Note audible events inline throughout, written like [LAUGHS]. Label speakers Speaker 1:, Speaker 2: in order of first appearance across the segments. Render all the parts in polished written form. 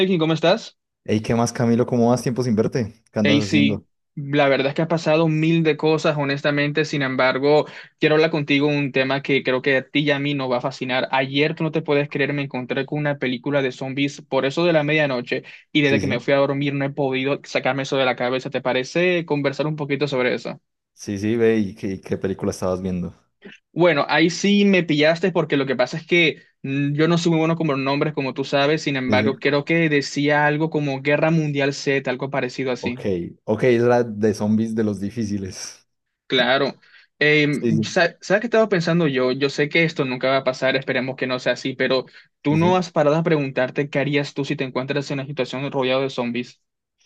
Speaker 1: Melkin, ¿cómo estás?
Speaker 2: Ey, ¿qué más, Camilo? ¿Cómo vas? Tiempo sin verte. ¿Qué
Speaker 1: Hey,
Speaker 2: andas
Speaker 1: sí,
Speaker 2: haciendo?
Speaker 1: la verdad es que has pasado mil de cosas, honestamente. Sin embargo, quiero hablar contigo un tema que creo que a ti y a mí nos va a fascinar. Ayer, tú no te puedes creer, me encontré con una película de zombies por eso de la medianoche y desde
Speaker 2: Sí,
Speaker 1: que me
Speaker 2: sí.
Speaker 1: fui a dormir no he podido sacarme eso de la cabeza. ¿Te parece conversar un poquito sobre eso?
Speaker 2: Sí, sí, ve, ¿y qué película estabas viendo?
Speaker 1: Bueno, ahí sí me pillaste porque lo que pasa es que yo no soy muy bueno con los nombres, como tú sabes. Sin
Speaker 2: Sí, sí.
Speaker 1: embargo, creo que decía algo como Guerra Mundial Z, algo parecido
Speaker 2: Ok,
Speaker 1: así.
Speaker 2: ok, es la de zombies de los difíciles.
Speaker 1: Claro.
Speaker 2: Sí, sí,
Speaker 1: ¿Sabes qué estaba pensando yo? Yo sé que esto nunca va a pasar, esperemos que no sea así, pero tú
Speaker 2: sí,
Speaker 1: no
Speaker 2: sí.
Speaker 1: has parado a preguntarte qué harías tú si te encuentras en una situación rodeado de zombies.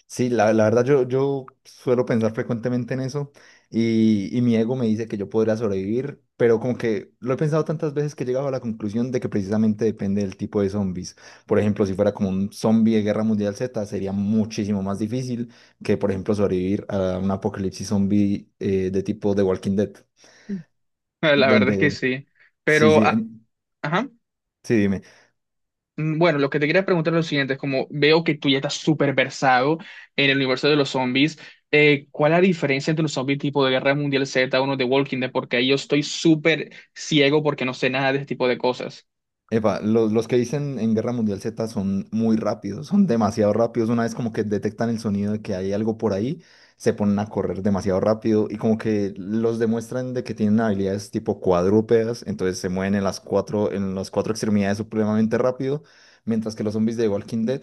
Speaker 2: Sí, la verdad yo suelo pensar frecuentemente en eso y mi ego me dice que yo podría sobrevivir, pero como que lo he pensado tantas veces que he llegado a la conclusión de que precisamente depende del tipo de zombies. Por ejemplo, si fuera como un zombie de Guerra Mundial Z, sería muchísimo más difícil que, por ejemplo, sobrevivir a un apocalipsis zombie de tipo The Walking Dead,
Speaker 1: [LAUGHS] La verdad es que
Speaker 2: donde...
Speaker 1: sí.
Speaker 2: Sí,
Speaker 1: Pero,
Speaker 2: sí,
Speaker 1: ah, ajá.
Speaker 2: sí, dime.
Speaker 1: Bueno, lo que te quería preguntar es lo siguiente, es como veo que tú ya estás súper versado en el universo de los zombies. ¿Cuál es la diferencia entre los zombie tipo de Guerra Mundial Z o uno de Walking Dead? Porque ahí yo estoy súper ciego porque no sé nada de este tipo de cosas.
Speaker 2: Epa, los que dicen en Guerra Mundial Z son muy rápidos, son demasiado rápidos. Una vez como que detectan el sonido de que hay algo por ahí, se ponen a correr demasiado rápido y como que los demuestran de que tienen habilidades tipo cuadrúpedas, entonces se mueven en las cuatro extremidades supremamente rápido, mientras que los zombies de Walking Dead,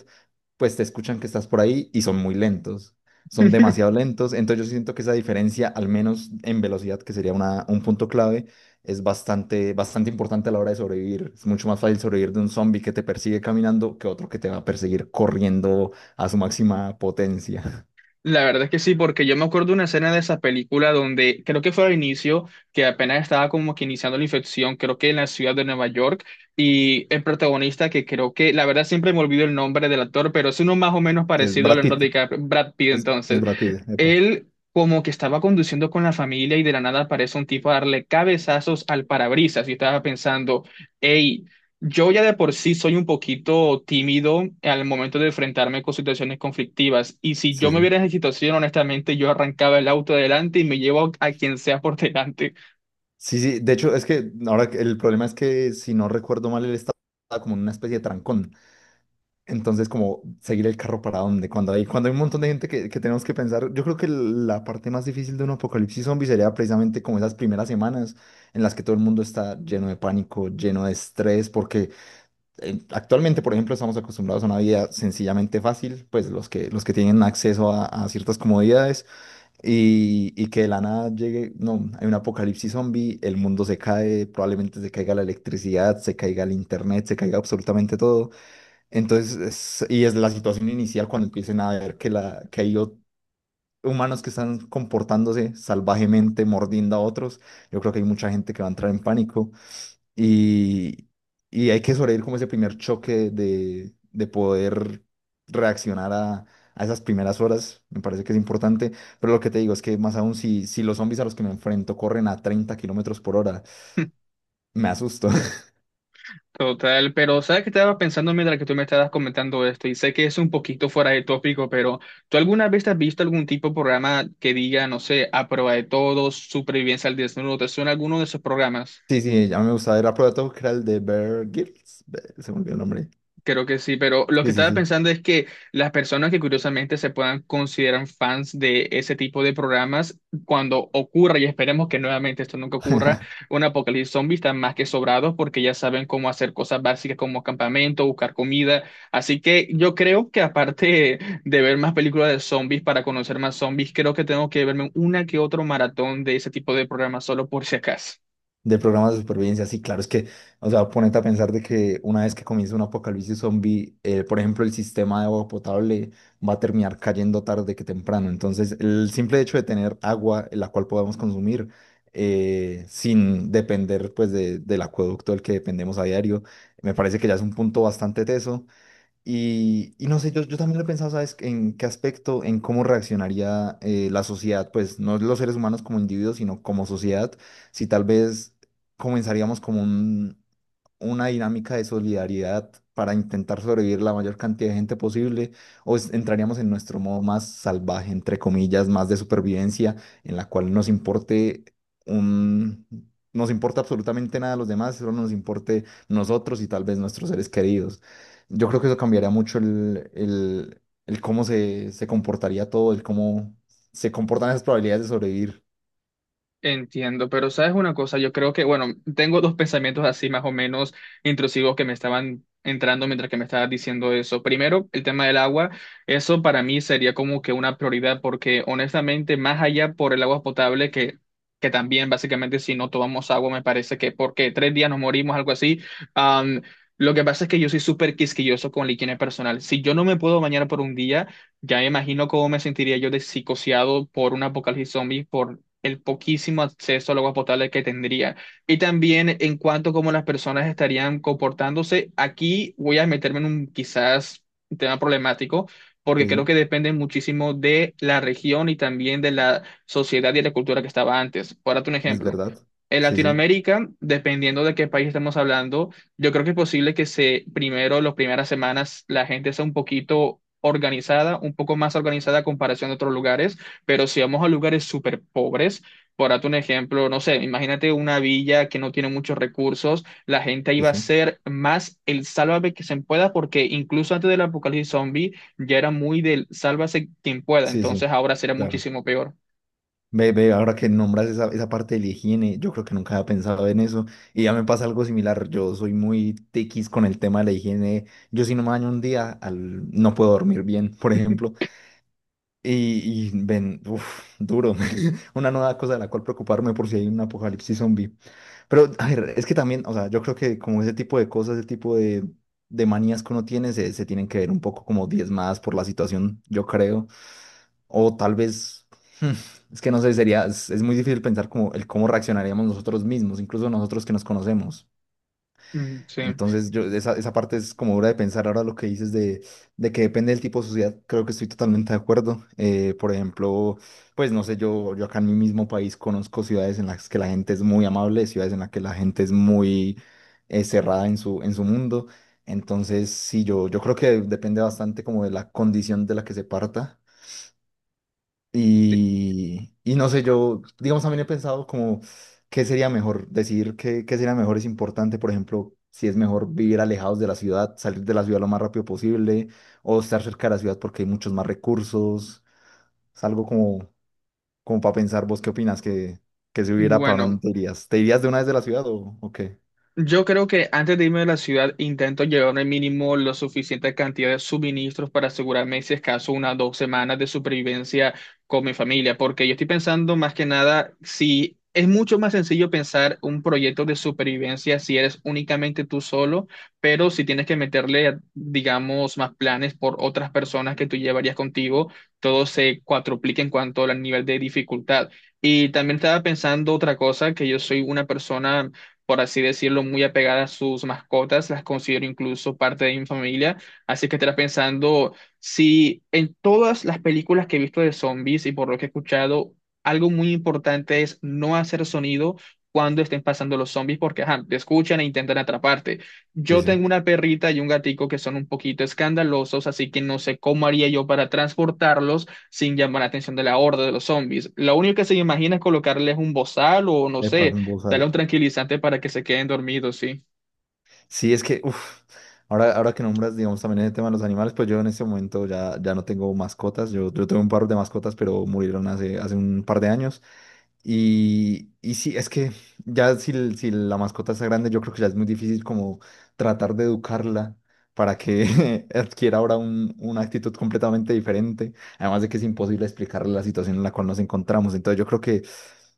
Speaker 2: pues te escuchan que estás por ahí y son muy lentos, son demasiado
Speaker 1: [LAUGHS]
Speaker 2: lentos. Entonces yo siento que esa diferencia, al menos en velocidad, que sería un punto clave es bastante, bastante importante a la hora de sobrevivir. Es mucho más fácil sobrevivir de un zombie que te persigue caminando que otro que te va a perseguir corriendo a su máxima potencia. [LAUGHS]
Speaker 1: La verdad es que sí, porque yo me acuerdo de una escena de esa película donde creo que fue al inicio, que apenas estaba como que iniciando la infección, creo que en la ciudad de Nueva York, y el protagonista que creo que, la verdad siempre me olvido el nombre del actor, pero es uno más o menos
Speaker 2: Es
Speaker 1: parecido a
Speaker 2: Brad
Speaker 1: Leonardo
Speaker 2: Pitt.
Speaker 1: DiCaprio, Brad Pitt
Speaker 2: Es
Speaker 1: entonces,
Speaker 2: Brad Pitt, epa.
Speaker 1: él como que estaba conduciendo con la familia y de la nada aparece un tipo a darle cabezazos al parabrisas y estaba pensando, hey, yo ya de por sí soy un poquito tímido al momento de enfrentarme con situaciones conflictivas y si
Speaker 2: Sí,
Speaker 1: yo me
Speaker 2: sí.
Speaker 1: viera en esa situación, honestamente, yo arrancaba el auto adelante y me llevo a quien sea por delante.
Speaker 2: Sí, sí. De hecho, es que el problema es que, si no recuerdo mal, él estaba como en una especie de trancón. Entonces, como seguir el carro para dónde, cuando hay un montón de gente que tenemos que pensar, yo creo que la parte más difícil de un apocalipsis zombie sería precisamente como esas primeras semanas en las que todo el mundo está lleno de pánico, lleno de estrés, porque actualmente, por ejemplo, estamos acostumbrados a una vida sencillamente fácil, pues los que tienen acceso a ciertas comodidades y que de la nada llegue, no, hay un apocalipsis zombie, el mundo se cae, probablemente se caiga la electricidad, se caiga el internet, se caiga absolutamente todo. Entonces, y es la situación inicial cuando empiecen a ver que hay humanos que están comportándose salvajemente, mordiendo a otros. Yo creo que hay mucha gente que va a entrar en pánico y, y hay que sobrevivir como ese primer choque de poder reaccionar a esas primeras horas. Me parece que es importante, pero lo que te digo es que más aún si los zombies a los que me enfrento corren a 30 kilómetros por hora, me asusto. [LAUGHS]
Speaker 1: Total, pero sabes que estaba pensando mientras que tú me estabas comentando esto y sé que es un poquito fuera de tópico, pero ¿tú alguna vez has visto algún tipo de programa que diga, no sé, a prueba de todo, supervivencia al desnudo? ¿Te suena alguno de esos programas?
Speaker 2: Sí, sí, ya me gustaba. Era Proto, que era el de Bear Grylls. Se me olvidó el nombre.
Speaker 1: Creo que sí, pero lo que
Speaker 2: Sí, sí,
Speaker 1: estaba
Speaker 2: sí.
Speaker 1: pensando es que las personas que curiosamente se puedan considerar fans de ese tipo de programas, cuando ocurra, y esperemos que nuevamente esto nunca ocurra, un apocalipsis zombie están más que sobrados porque ya saben cómo hacer cosas básicas como campamento, buscar comida. Así que yo creo que aparte de ver más películas de zombies para conocer más zombies, creo que tengo que verme una que otro maratón de ese tipo de programas solo por si acaso.
Speaker 2: Del programa de supervivencia, sí, claro, es que, o sea, ponete a pensar de que una vez que comience un apocalipsis zombie, por ejemplo, el sistema de agua potable va a terminar cayendo tarde que temprano. Entonces, el simple hecho de tener agua en la cual podamos consumir sin depender, pues, del acueducto del que dependemos a diario, me parece que ya es un punto bastante teso. Y no sé, yo también lo he pensado, ¿sabes? En qué aspecto, en cómo reaccionaría la sociedad, pues no los seres humanos como individuos, sino como sociedad, si tal vez comenzaríamos como una dinámica de solidaridad para intentar sobrevivir la mayor cantidad de gente posible, o entraríamos en nuestro modo más salvaje, entre comillas, más de supervivencia, en la cual un... nos importa absolutamente nada de los demás, solo nos importe nosotros y tal vez nuestros seres queridos. Yo creo que eso cambiaría mucho el cómo se comportaría todo, el cómo se comportan esas probabilidades de sobrevivir.
Speaker 1: Entiendo, pero sabes una cosa, yo creo que, bueno, tengo dos pensamientos así más o menos intrusivos que me estaban entrando mientras que me estabas diciendo eso. Primero, el tema del agua, eso para mí sería como que una prioridad porque honestamente, más allá por el agua potable que también básicamente si no tomamos agua me parece que porque 3 días nos morimos, algo así. am, lo que pasa es que yo soy súper quisquilloso con la higiene personal. Si yo no me puedo bañar por un día, ya me imagino cómo me sentiría yo de psicoseado por un apocalipsis zombie por el poquísimo acceso al agua potable que tendría. Y también en cuanto a cómo las personas estarían comportándose, aquí voy a meterme en un quizás tema problemático,
Speaker 2: Sí,
Speaker 1: porque creo que
Speaker 2: sí,
Speaker 1: depende muchísimo de la región y también de la sociedad y de la cultura que estaba antes. Por darte un
Speaker 2: es
Speaker 1: ejemplo.
Speaker 2: verdad.
Speaker 1: En
Speaker 2: Sí, sí,
Speaker 1: Latinoamérica, dependiendo de qué país estamos hablando, yo creo que es posible que se, primero, las primeras semanas, la gente sea un poquito organizada, un poco más organizada a comparación de otros lugares pero si vamos a lugares súper pobres, por darte un ejemplo, no sé, imagínate una villa que no tiene muchos recursos, la gente
Speaker 2: sí,
Speaker 1: iba a
Speaker 2: sí,
Speaker 1: ser más el sálvame que se pueda, porque incluso antes del apocalipsis zombie ya era muy del sálvase quien pueda,
Speaker 2: sí,
Speaker 1: entonces
Speaker 2: sí,
Speaker 1: ahora será
Speaker 2: claro.
Speaker 1: muchísimo peor.
Speaker 2: Ve, ve, ahora que nombras esa parte de la higiene, yo creo que nunca había pensado en eso. Y ya me pasa algo similar. Yo soy muy tiquis con el tema de la higiene. Yo si no me baño un día, no puedo dormir bien, por ejemplo. Y ven, uf, duro. [LAUGHS] Una nueva cosa de la cual preocuparme por si hay un apocalipsis zombie. Pero, a ver, es que también, o sea, yo creo que como ese tipo de cosas, ese tipo de manías que uno tiene, se tienen que ver un poco como diezmadas por la situación, yo creo. O tal vez, hmm, es que no sé, sería, es muy difícil pensar como el cómo reaccionaríamos nosotros mismos, incluso nosotros que nos conocemos.
Speaker 1: Mm, sí.
Speaker 2: Entonces, yo, esa parte es como dura de pensar. Ahora lo que dices de que depende del tipo de sociedad, creo que estoy totalmente de acuerdo. Por ejemplo, pues no sé, yo acá en mi mismo país conozco ciudades en las que la gente es muy amable, ciudades en las que la gente es muy cerrada en su mundo. Entonces, sí, yo creo que depende bastante como de la condición de la que se parta
Speaker 1: Sí.
Speaker 2: y no sé, yo, digamos, también he pensado como qué sería mejor, decidir qué sería mejor es importante, por ejemplo, si es mejor vivir alejados de la ciudad, salir de la ciudad lo más rápido posible, o estar cerca de la ciudad porque hay muchos más recursos. Es algo como para pensar, ¿vos qué opinas? que si hubiera para dónde
Speaker 1: Bueno.
Speaker 2: te irías? ¿Te irías de una vez de la ciudad o qué?
Speaker 1: Yo creo que antes de irme de la ciudad intento llevarme mínimo la suficiente cantidad de suministros para asegurarme, si es caso, unas 2 semanas de supervivencia con mi familia, porque yo estoy pensando más que nada si es mucho más sencillo pensar un proyecto de supervivencia si eres únicamente tú solo, pero si tienes que meterle, digamos, más planes por otras personas que tú llevarías contigo, todo se cuatruplica en cuanto al nivel de dificultad. Y también estaba pensando otra cosa, que yo soy una persona por así decirlo, muy apegada a sus mascotas, las considero incluso parte de mi familia, así que estarás pensando si en todas las películas que he visto de zombies y por lo que he escuchado, algo muy importante es no hacer sonido cuando estén pasando los zombies porque ajá, te escuchan e intentan atraparte.
Speaker 2: Sí,
Speaker 1: Yo
Speaker 2: sí.
Speaker 1: tengo una perrita y un gatico que son un poquito escandalosos, así que no sé cómo haría yo para transportarlos sin llamar la atención de la horda de los zombies. Lo único que se me imagina es colocarles un bozal o no
Speaker 2: Epa,
Speaker 1: sé,
Speaker 2: un
Speaker 1: dale
Speaker 2: bozal.
Speaker 1: un tranquilizante para que se queden dormidos, sí.
Speaker 2: Sí, es que, uf, ahora que nombras, digamos, también el tema de los animales, pues yo en este momento ya no tengo mascotas. Yo tuve un par de mascotas, pero murieron hace un par de años. Y sí, es que ya si, si la mascota está grande, yo creo que ya es muy difícil como tratar de educarla para que [LAUGHS] adquiera ahora una actitud completamente diferente. Además de que es imposible explicarle la situación en la cual nos encontramos. Entonces yo creo que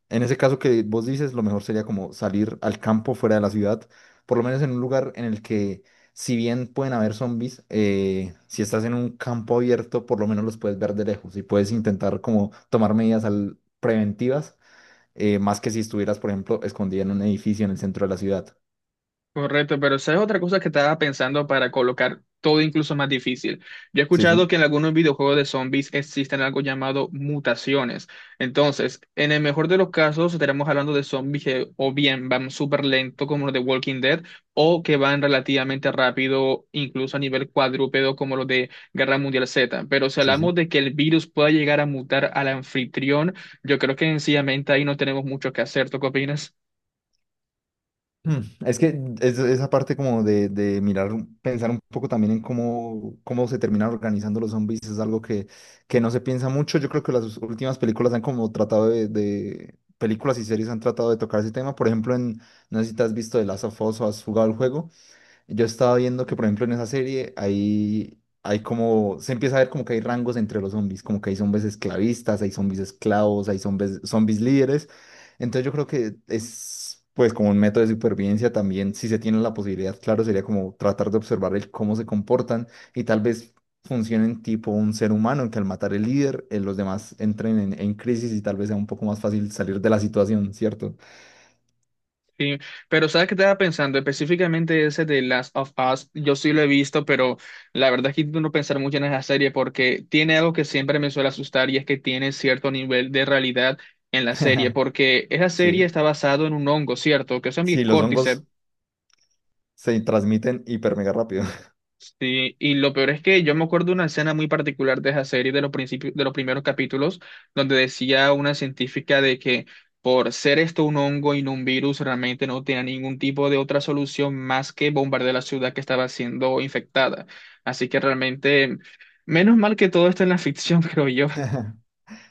Speaker 2: en ese caso que vos dices, lo mejor sería como salir al campo fuera de la ciudad, por lo menos en un lugar en el que, si bien pueden haber zombies, si estás en un campo abierto, por lo menos los puedes ver de lejos y puedes intentar como tomar medidas preventivas, más que si estuvieras, por ejemplo, escondida en un edificio en el centro de la ciudad.
Speaker 1: Correcto, pero ¿sabes otra cosa que estaba pensando para colocar todo incluso más difícil? Yo he
Speaker 2: Sí, sí,
Speaker 1: escuchado que en algunos videojuegos de zombies existen algo llamado mutaciones. Entonces, en el mejor de los casos, estaremos hablando de zombies que o bien van súper lento como los de Walking Dead, o que van relativamente rápido, incluso a nivel cuadrúpedo como los de Guerra Mundial Z. Pero si
Speaker 2: sí, sí.
Speaker 1: hablamos de que el virus pueda llegar a mutar al anfitrión, yo creo que sencillamente ahí no tenemos mucho que hacer. ¿Tú qué opinas?
Speaker 2: Mm, Es que esa parte como de mirar, pensar un poco también en cómo, cómo se terminan organizando los zombies es algo que no se piensa mucho. Yo creo que las últimas películas han como tratado películas y series han tratado de tocar ese tema. Por ejemplo, en, no sé si te has visto The Last of Us o has jugado el juego, yo estaba viendo que, por ejemplo, en esa serie hay como, se empieza a ver como que hay rangos entre los zombies, como que hay zombies esclavistas, hay zombies esclavos, hay zombies, zombies líderes. Entonces yo creo que es pues como un método de supervivencia también, si se tiene la posibilidad, claro, sería como tratar de observar el cómo se comportan y tal vez funcionen tipo un ser humano, en que al matar el líder, los demás entren en crisis y tal vez sea un poco más fácil salir de la situación, ¿cierto?
Speaker 1: Sí, pero ¿sabes qué estaba pensando? Específicamente ese de Last of Us, yo sí lo he visto, pero la verdad es que intento no pensar mucho en esa serie porque tiene algo que siempre me suele asustar y es que tiene cierto nivel de realidad en la serie, porque esa serie
Speaker 2: Sí.
Speaker 1: está basado en un hongo, ¿cierto? Que es el...
Speaker 2: Sí, los hongos se transmiten hiper mega rápido.
Speaker 1: Sí, y lo peor es que yo me acuerdo de una escena muy particular de esa serie, de los principios, de los primeros capítulos, donde decía una científica de que por ser esto un hongo y no un virus, realmente no tenía ningún tipo de otra solución más que bombardear la ciudad que estaba siendo infectada. Así que realmente, menos mal que todo esto en la ficción, [LAUGHS] creo yo.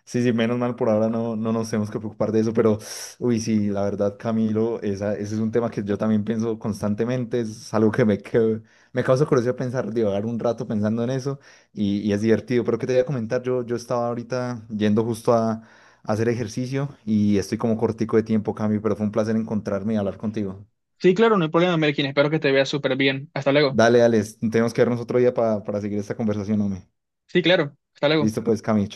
Speaker 2: Sí, sí, menos mal por ahora no nos tenemos que preocupar de eso, pero uy, sí, la verdad, Camilo, esa, ese es un tema que yo también pienso constantemente, es algo que me causa curiosidad pensar, divagar un rato pensando en eso y es divertido, pero que te voy a comentar, yo estaba ahorita yendo justo a hacer ejercicio y estoy como cortico de tiempo, Camilo, pero fue un placer encontrarme y hablar contigo.
Speaker 1: Sí, claro, no hay problema, Melkin. Espero que te veas súper bien. Hasta luego.
Speaker 2: Dale, dale, tenemos que vernos otro día para seguir esta conversación, hombre.
Speaker 1: Sí, claro. Hasta luego.
Speaker 2: Listo, pues, Camilo.